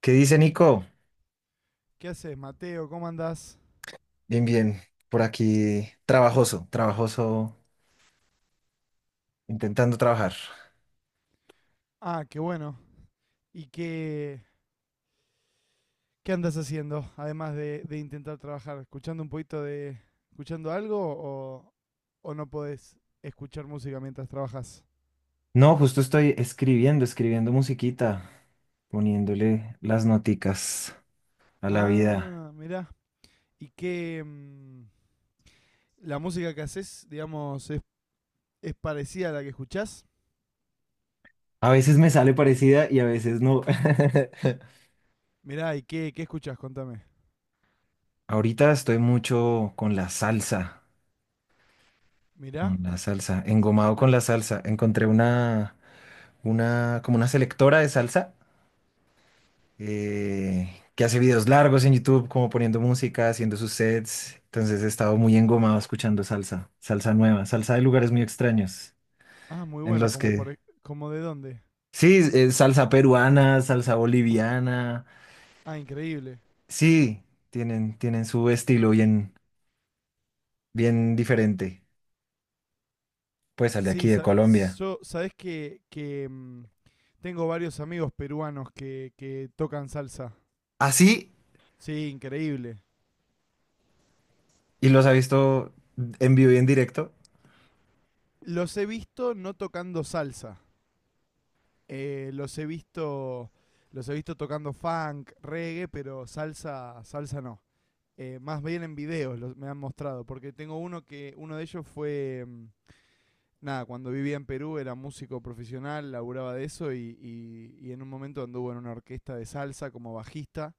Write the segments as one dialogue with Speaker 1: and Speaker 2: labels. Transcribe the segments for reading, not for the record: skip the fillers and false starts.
Speaker 1: ¿Qué dice Nico?
Speaker 2: ¿Qué haces, Mateo? ¿Cómo andás?
Speaker 1: Bien, bien. Por aquí, trabajoso, trabajoso, intentando trabajar.
Speaker 2: Ah, qué bueno. ¿Y qué andas haciendo? Además de intentar trabajar, ¿escuchando un poquito de. ¿Escuchando algo o no podés escuchar música mientras trabajas?
Speaker 1: No, justo estoy escribiendo, musiquita, poniéndole las noticas a la vida.
Speaker 2: Ah, mirá. ¿Y la música que haces, digamos, es parecida a la que escuchás?
Speaker 1: A veces me sale parecida y a veces no.
Speaker 2: Mirá, ¿y qué escuchás? Contame.
Speaker 1: Ahorita estoy mucho
Speaker 2: Mirá.
Speaker 1: con la salsa, engomado
Speaker 2: la-
Speaker 1: con la salsa. Encontré una, como una selectora de salsa que hace videos largos en YouTube, como poniendo música, haciendo sus sets. Entonces he estado muy engomado escuchando salsa, salsa nueva, salsa de lugares muy extraños,
Speaker 2: ah, muy
Speaker 1: en
Speaker 2: bueno,
Speaker 1: los
Speaker 2: como,
Speaker 1: que...
Speaker 2: por, como de dónde.
Speaker 1: Sí, salsa peruana, salsa boliviana.
Speaker 2: Ah, increíble.
Speaker 1: Sí, tienen su estilo bien, bien diferente, pues al de aquí
Speaker 2: Sí,
Speaker 1: de Colombia.
Speaker 2: yo, sabés que tengo varios amigos peruanos que tocan salsa.
Speaker 1: Así,
Speaker 2: Sí, increíble.
Speaker 1: y los ha visto en vivo y en directo,
Speaker 2: Los he visto no tocando salsa. eh, los he visto, los he visto tocando funk, reggae, pero salsa, salsa no. Más bien en videos me han mostrado, porque tengo uno uno de ellos fue, nada, cuando vivía en Perú era músico profesional, laburaba de eso y en un momento anduvo en una orquesta de salsa como bajista.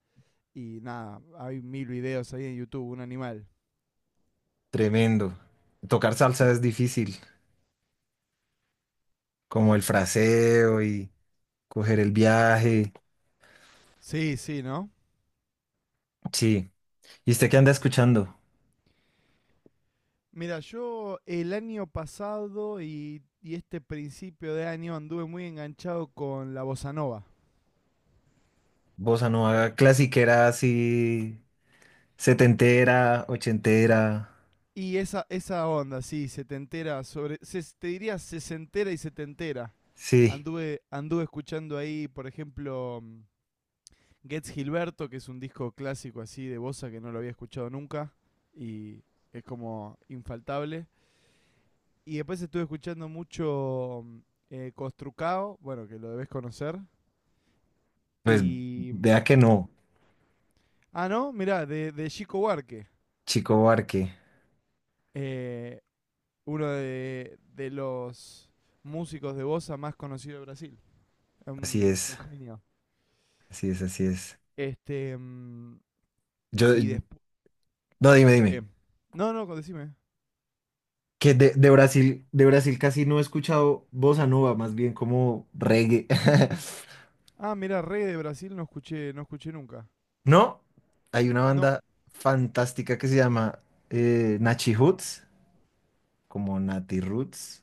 Speaker 2: Y nada, hay mil videos ahí en YouTube, un animal.
Speaker 1: tremendo. Tocar salsa es difícil, como el fraseo y coger el viaje.
Speaker 2: Sí, sí, ¿no?
Speaker 1: Sí, ¿y usted qué anda escuchando?
Speaker 2: Mira, yo el año pasado y este principio de año anduve muy enganchado con la bossa nova.
Speaker 1: Bossa nova clasiquera, así, setentera, ochentera.
Speaker 2: Y esa onda, sí, se te entera sobre. Te diría sesentera y setentera.
Speaker 1: Sí,
Speaker 2: Anduve escuchando ahí, por ejemplo, Gets Gilberto, que es un disco clásico así de bossa que no lo había escuchado nunca. Y es como infaltable. Y después estuve escuchando mucho Costrucao, bueno, que lo debes conocer.
Speaker 1: pues
Speaker 2: Y. mm,
Speaker 1: vea que no,
Speaker 2: Ah, no, mirá, de Chico Huarque,
Speaker 1: Chico Barque.
Speaker 2: eh, uno de los músicos de bossa más conocido de Brasil.
Speaker 1: Así
Speaker 2: Un,
Speaker 1: es,
Speaker 2: un genio.
Speaker 1: así es, así es.
Speaker 2: Este. mm,
Speaker 1: Yo,
Speaker 2: Y después.
Speaker 1: no, dime, dime.
Speaker 2: ¿Qué? No, no, decime.
Speaker 1: Que de Brasil casi no he escuchado bossa nova, más bien como reggae.
Speaker 2: Ah, mirá, Rey de Brasil no escuché, no escuché nunca.
Speaker 1: No, hay una
Speaker 2: No,
Speaker 1: banda fantástica que se llama Nachi Hoods, como Nati Roots.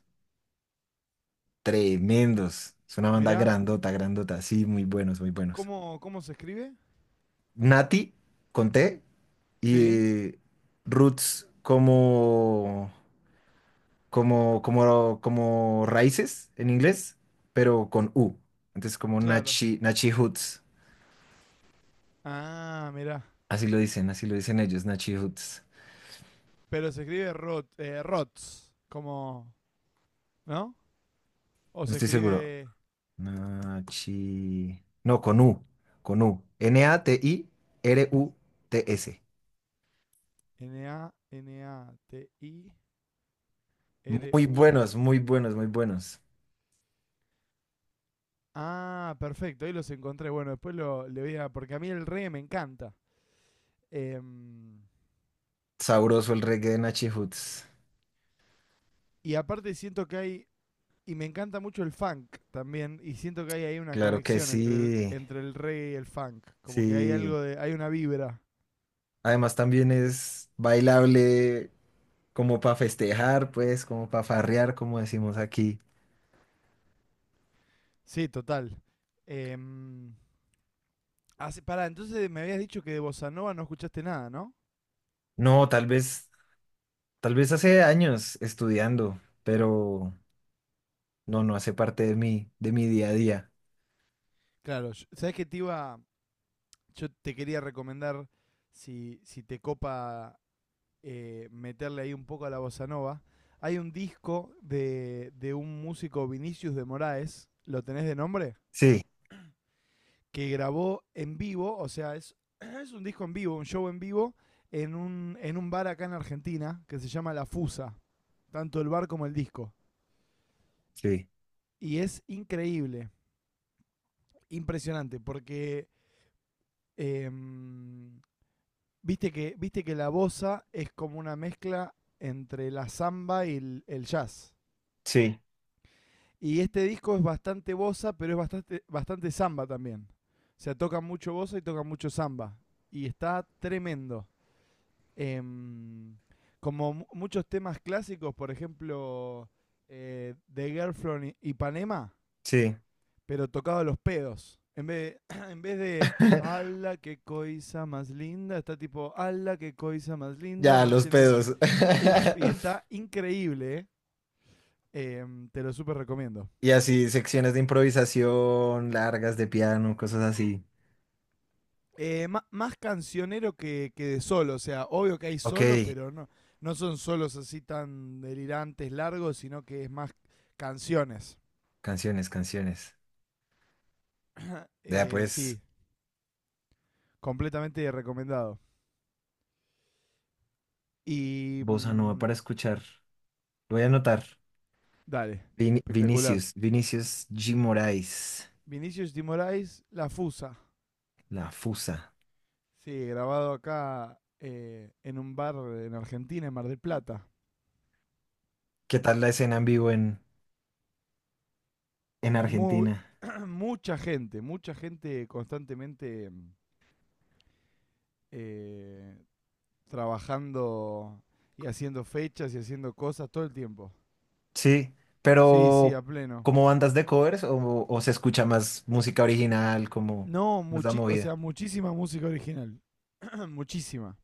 Speaker 1: Tremendos. Es una banda
Speaker 2: mirá.
Speaker 1: grandota, grandota. Sí, muy buenos, muy buenos.
Speaker 2: ¿Cómo se escribe?
Speaker 1: Nati, con T,
Speaker 2: Sí,
Speaker 1: y Roots como raíces en inglés, pero con U. Entonces, como
Speaker 2: claro.
Speaker 1: Nachi, Nachi Hoots.
Speaker 2: Ah, mirá.
Speaker 1: Así lo dicen ellos, Nachi Hoots.
Speaker 2: Pero se escribe Rots, como, ¿no? O
Speaker 1: No
Speaker 2: se
Speaker 1: estoy seguro.
Speaker 2: escribe
Speaker 1: Nachi. No, con U. Natiruts.
Speaker 2: N-A-N-A-T-I-R-U.
Speaker 1: Muy buenos, muy buenos, muy buenos.
Speaker 2: Ah, perfecto, ahí los encontré. Bueno, después le voy a... Porque a mí el reggae me encanta. Em,
Speaker 1: Sabroso el reggae de Nachi Hoods.
Speaker 2: y aparte siento que hay... Y me encanta mucho el funk también. Y siento que hay ahí una
Speaker 1: Claro que
Speaker 2: conexión entre el,
Speaker 1: sí,
Speaker 2: entre el reggae y el funk. Como que hay
Speaker 1: sí.
Speaker 2: algo de... Hay una vibra.
Speaker 1: Además también es bailable como para festejar, pues, como para farrear, como decimos aquí.
Speaker 2: Sí, total. Em, Pará, entonces me habías dicho que de Bossa Nova no escuchaste nada, ¿no?
Speaker 1: No, tal vez hace años estudiando, pero no, no hace parte de de mi día a día.
Speaker 2: Claro, ¿sabes qué te iba? Yo te quería recomendar, si te copa meterle ahí un poco a la bossa nova, hay un disco de un músico Vinicius de Moraes, ¿lo tenés de nombre?
Speaker 1: Sí,
Speaker 2: Que grabó en vivo, o sea, es un disco en vivo, un show en vivo, en un bar acá en Argentina que se llama La Fusa, tanto el bar como el disco.
Speaker 1: sí,
Speaker 2: Y es increíble, impresionante, porque... em, viste que la bossa es como una mezcla entre la samba y el jazz.
Speaker 1: sí,
Speaker 2: Y este disco es bastante bossa, pero es bastante, bastante samba también. O sea, toca mucho bossa y toca mucho samba. Y está tremendo. Em, Como muchos temas clásicos, por ejemplo, The Girl from Ipanema,
Speaker 1: sí.
Speaker 2: pero tocado a los pedos. En vez, en vez de, ala, qué coisa más linda, está tipo, ala, qué coisa más linda,
Speaker 1: Ya,
Speaker 2: más
Speaker 1: los
Speaker 2: llena de...
Speaker 1: pedos.
Speaker 2: Uf, y está increíble, ¿eh? Te lo súper recomiendo.
Speaker 1: Y así, secciones de improvisación, largas de piano, cosas así.
Speaker 2: Más cancionero que de solo, o sea, obvio que hay
Speaker 1: Ok,
Speaker 2: solo, pero no son solos así tan delirantes, largos, sino que es más canciones.
Speaker 1: canciones, canciones. Vea pues,
Speaker 2: Sí, completamente recomendado. Y
Speaker 1: bossa nova para
Speaker 2: mm,
Speaker 1: escuchar. Lo voy a anotar.
Speaker 2: Dale, espectacular.
Speaker 1: Vinicius, Vinicius G. Moraes,
Speaker 2: Vinicius Dimorais, La Fusa.
Speaker 1: La Fusa.
Speaker 2: Sí, grabado acá en un bar en Argentina, en Mar del Plata.
Speaker 1: ¿Qué tal la escena en vivo en
Speaker 2: Muy,
Speaker 1: Argentina?
Speaker 2: Mucha gente, mucha gente constantemente eh, trabajando y haciendo fechas y haciendo cosas todo el tiempo.
Speaker 1: Sí,
Speaker 2: Sí, sí,
Speaker 1: pero
Speaker 2: a pleno.
Speaker 1: ¿como bandas de covers o se escucha más música original, como
Speaker 2: No,
Speaker 1: más la
Speaker 2: muchi o
Speaker 1: movida?
Speaker 2: sea, muchísima música original. muchísima.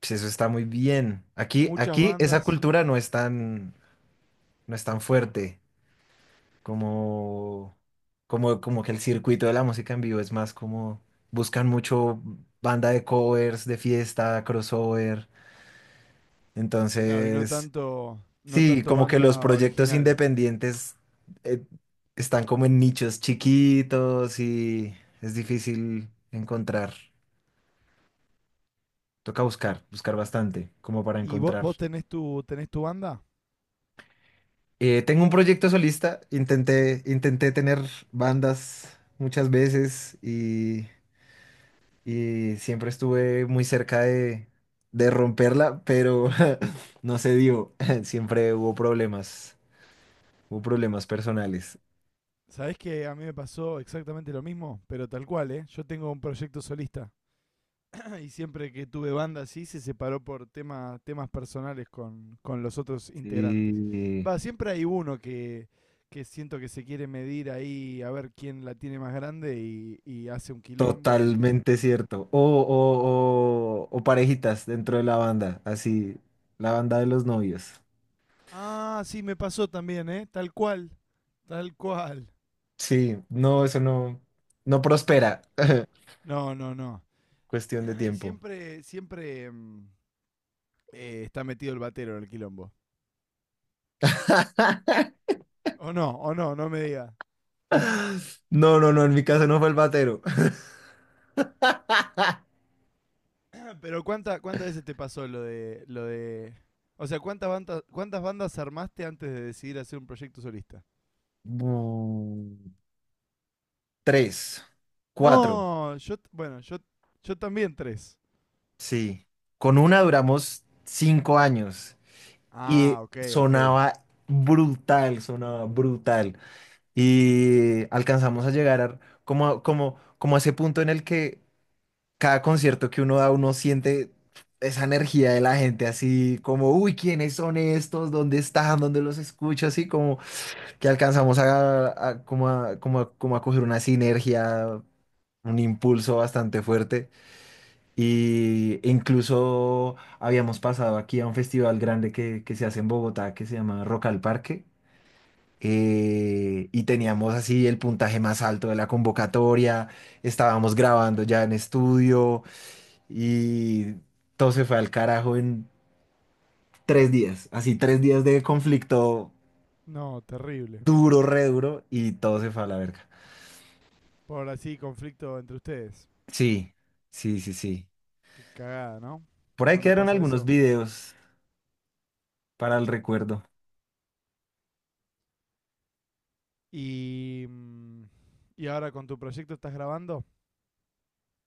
Speaker 1: Pues eso está muy bien. Aquí,
Speaker 2: Muchas
Speaker 1: aquí esa
Speaker 2: bandas.
Speaker 1: cultura no es tan, no es tan fuerte. como, como que el circuito de la música en vivo es más como buscan mucho banda de covers, de fiesta, crossover.
Speaker 2: Claro, y no
Speaker 1: Entonces,
Speaker 2: tanto, no
Speaker 1: sí,
Speaker 2: tanto
Speaker 1: como que los
Speaker 2: banda
Speaker 1: proyectos
Speaker 2: original.
Speaker 1: independientes eh, están como en nichos chiquitos y es difícil encontrar. Toca buscar, buscar bastante, como para
Speaker 2: ¿Y vos,
Speaker 1: encontrar.
Speaker 2: vos tenés tu, tenés tu banda?
Speaker 1: Tengo un proyecto solista, intenté, intenté tener bandas muchas veces y siempre estuve muy cerca de romperla, pero no se dio. Siempre hubo problemas personales.
Speaker 2: ¿Sabés que a mí me pasó exactamente lo mismo? Pero tal cual, ¿eh? Yo tengo un proyecto solista. Y siempre que tuve banda así se separó por temas personales con los otros integrantes.
Speaker 1: Sí,
Speaker 2: Va, siempre hay uno que siento que se quiere medir ahí a ver quién la tiene más grande y hace un quilombo y...
Speaker 1: totalmente cierto. O parejitas dentro de la banda, así, la banda de los novios.
Speaker 2: Ah, sí, me pasó también, ¿eh? Tal cual, tal cual.
Speaker 1: Sí, no, eso no, no prospera.
Speaker 2: No, no, no.
Speaker 1: Cuestión de
Speaker 2: Y
Speaker 1: tiempo.
Speaker 2: siempre, siempre está metido el batero en el quilombo. O no, no me diga.
Speaker 1: No, no, no, en mi caso no fue el batero.
Speaker 2: Pero ¿cuántas veces te pasó lo de... O sea, cuántas bandas armaste antes de decidir hacer un proyecto solista?
Speaker 1: Mm, tres, cuatro.
Speaker 2: No, bueno, yo también tres.
Speaker 1: Sí, con una duramos 5 años y
Speaker 2: Ah, ok, ok.
Speaker 1: sonaba brutal, sonaba brutal. Y alcanzamos a llegar como a ese punto en el que cada concierto que uno da, uno siente esa energía de la gente, así como, uy, ¿quiénes son estos? ¿Dónde están? ¿Dónde los escucho? Así como que alcanzamos como a coger una sinergia, un impulso bastante fuerte. Y e incluso habíamos pasado aquí a un festival grande que se hace en Bogotá que se llama Rock al Parque. Eh, y teníamos así el puntaje más alto de la convocatoria. Estábamos grabando ya en estudio y todo se fue al carajo en 3 días. Así 3 días de conflicto
Speaker 2: No, terrible.
Speaker 1: duro, re duro y todo se fue a la verga.
Speaker 2: Por así conflicto entre ustedes.
Speaker 1: Sí, sí, sí, sí.
Speaker 2: Qué cagada, ¿no?
Speaker 1: Por ahí
Speaker 2: Cuando
Speaker 1: quedaron
Speaker 2: pasa
Speaker 1: algunos
Speaker 2: eso.
Speaker 1: videos para el recuerdo.
Speaker 2: Y mm, y ahora con tu proyecto estás grabando.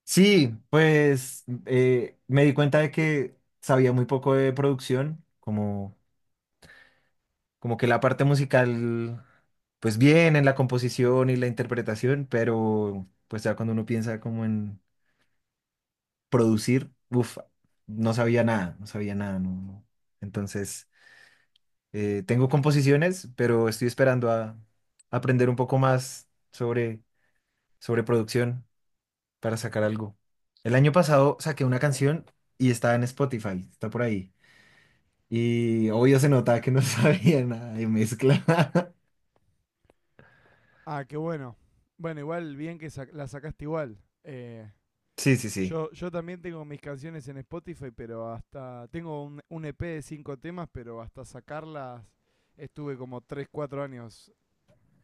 Speaker 1: Sí, pues me di cuenta de que sabía muy poco de producción, como, como que la parte musical, pues bien en la composición y la interpretación, pero pues ya cuando uno piensa como en producir, uff, no sabía nada, no sabía nada, no, no. Entonces, tengo composiciones, pero estoy esperando a aprender un poco más sobre producción, para sacar algo. El año pasado saqué una canción y está en Spotify, está por ahí. Y obvio se notaba que no sabía nada de mezcla.
Speaker 2: Ah, qué bueno. Bueno, igual bien que la sacaste igual. Eh,
Speaker 1: Sí, sí, sí.
Speaker 2: yo también tengo mis canciones en Spotify, pero hasta. Tengo un EP de cinco temas, pero hasta sacarlas estuve como 3 4 años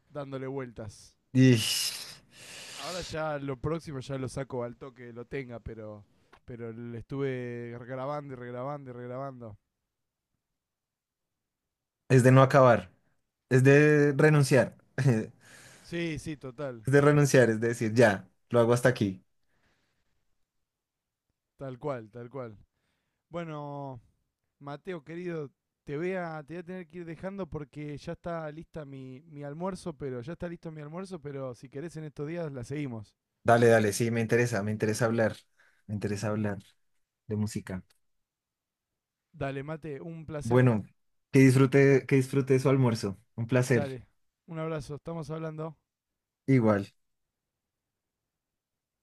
Speaker 2: dándole vueltas.
Speaker 1: Y es
Speaker 2: Ahora ya lo próximo ya lo saco al toque, lo tenga, pero le estuve grabando y regrabando y regrabando.
Speaker 1: de no acabar, es de renunciar, es
Speaker 2: Sí, sí, total.
Speaker 1: de renunciar, es de decir, ya, lo hago hasta aquí.
Speaker 2: Tal cual, tal cual. Bueno, Mateo, querido, te voy a tener que ir dejando porque ya está lista mi almuerzo, pero ya está listo mi almuerzo, pero si querés en estos días la seguimos.
Speaker 1: Dale, dale, sí, me interesa hablar de música.
Speaker 2: Dale, mate, un placer.
Speaker 1: Bueno, que disfrute su almuerzo. Un placer.
Speaker 2: Dale, un abrazo. Estamos hablando.
Speaker 1: Igual.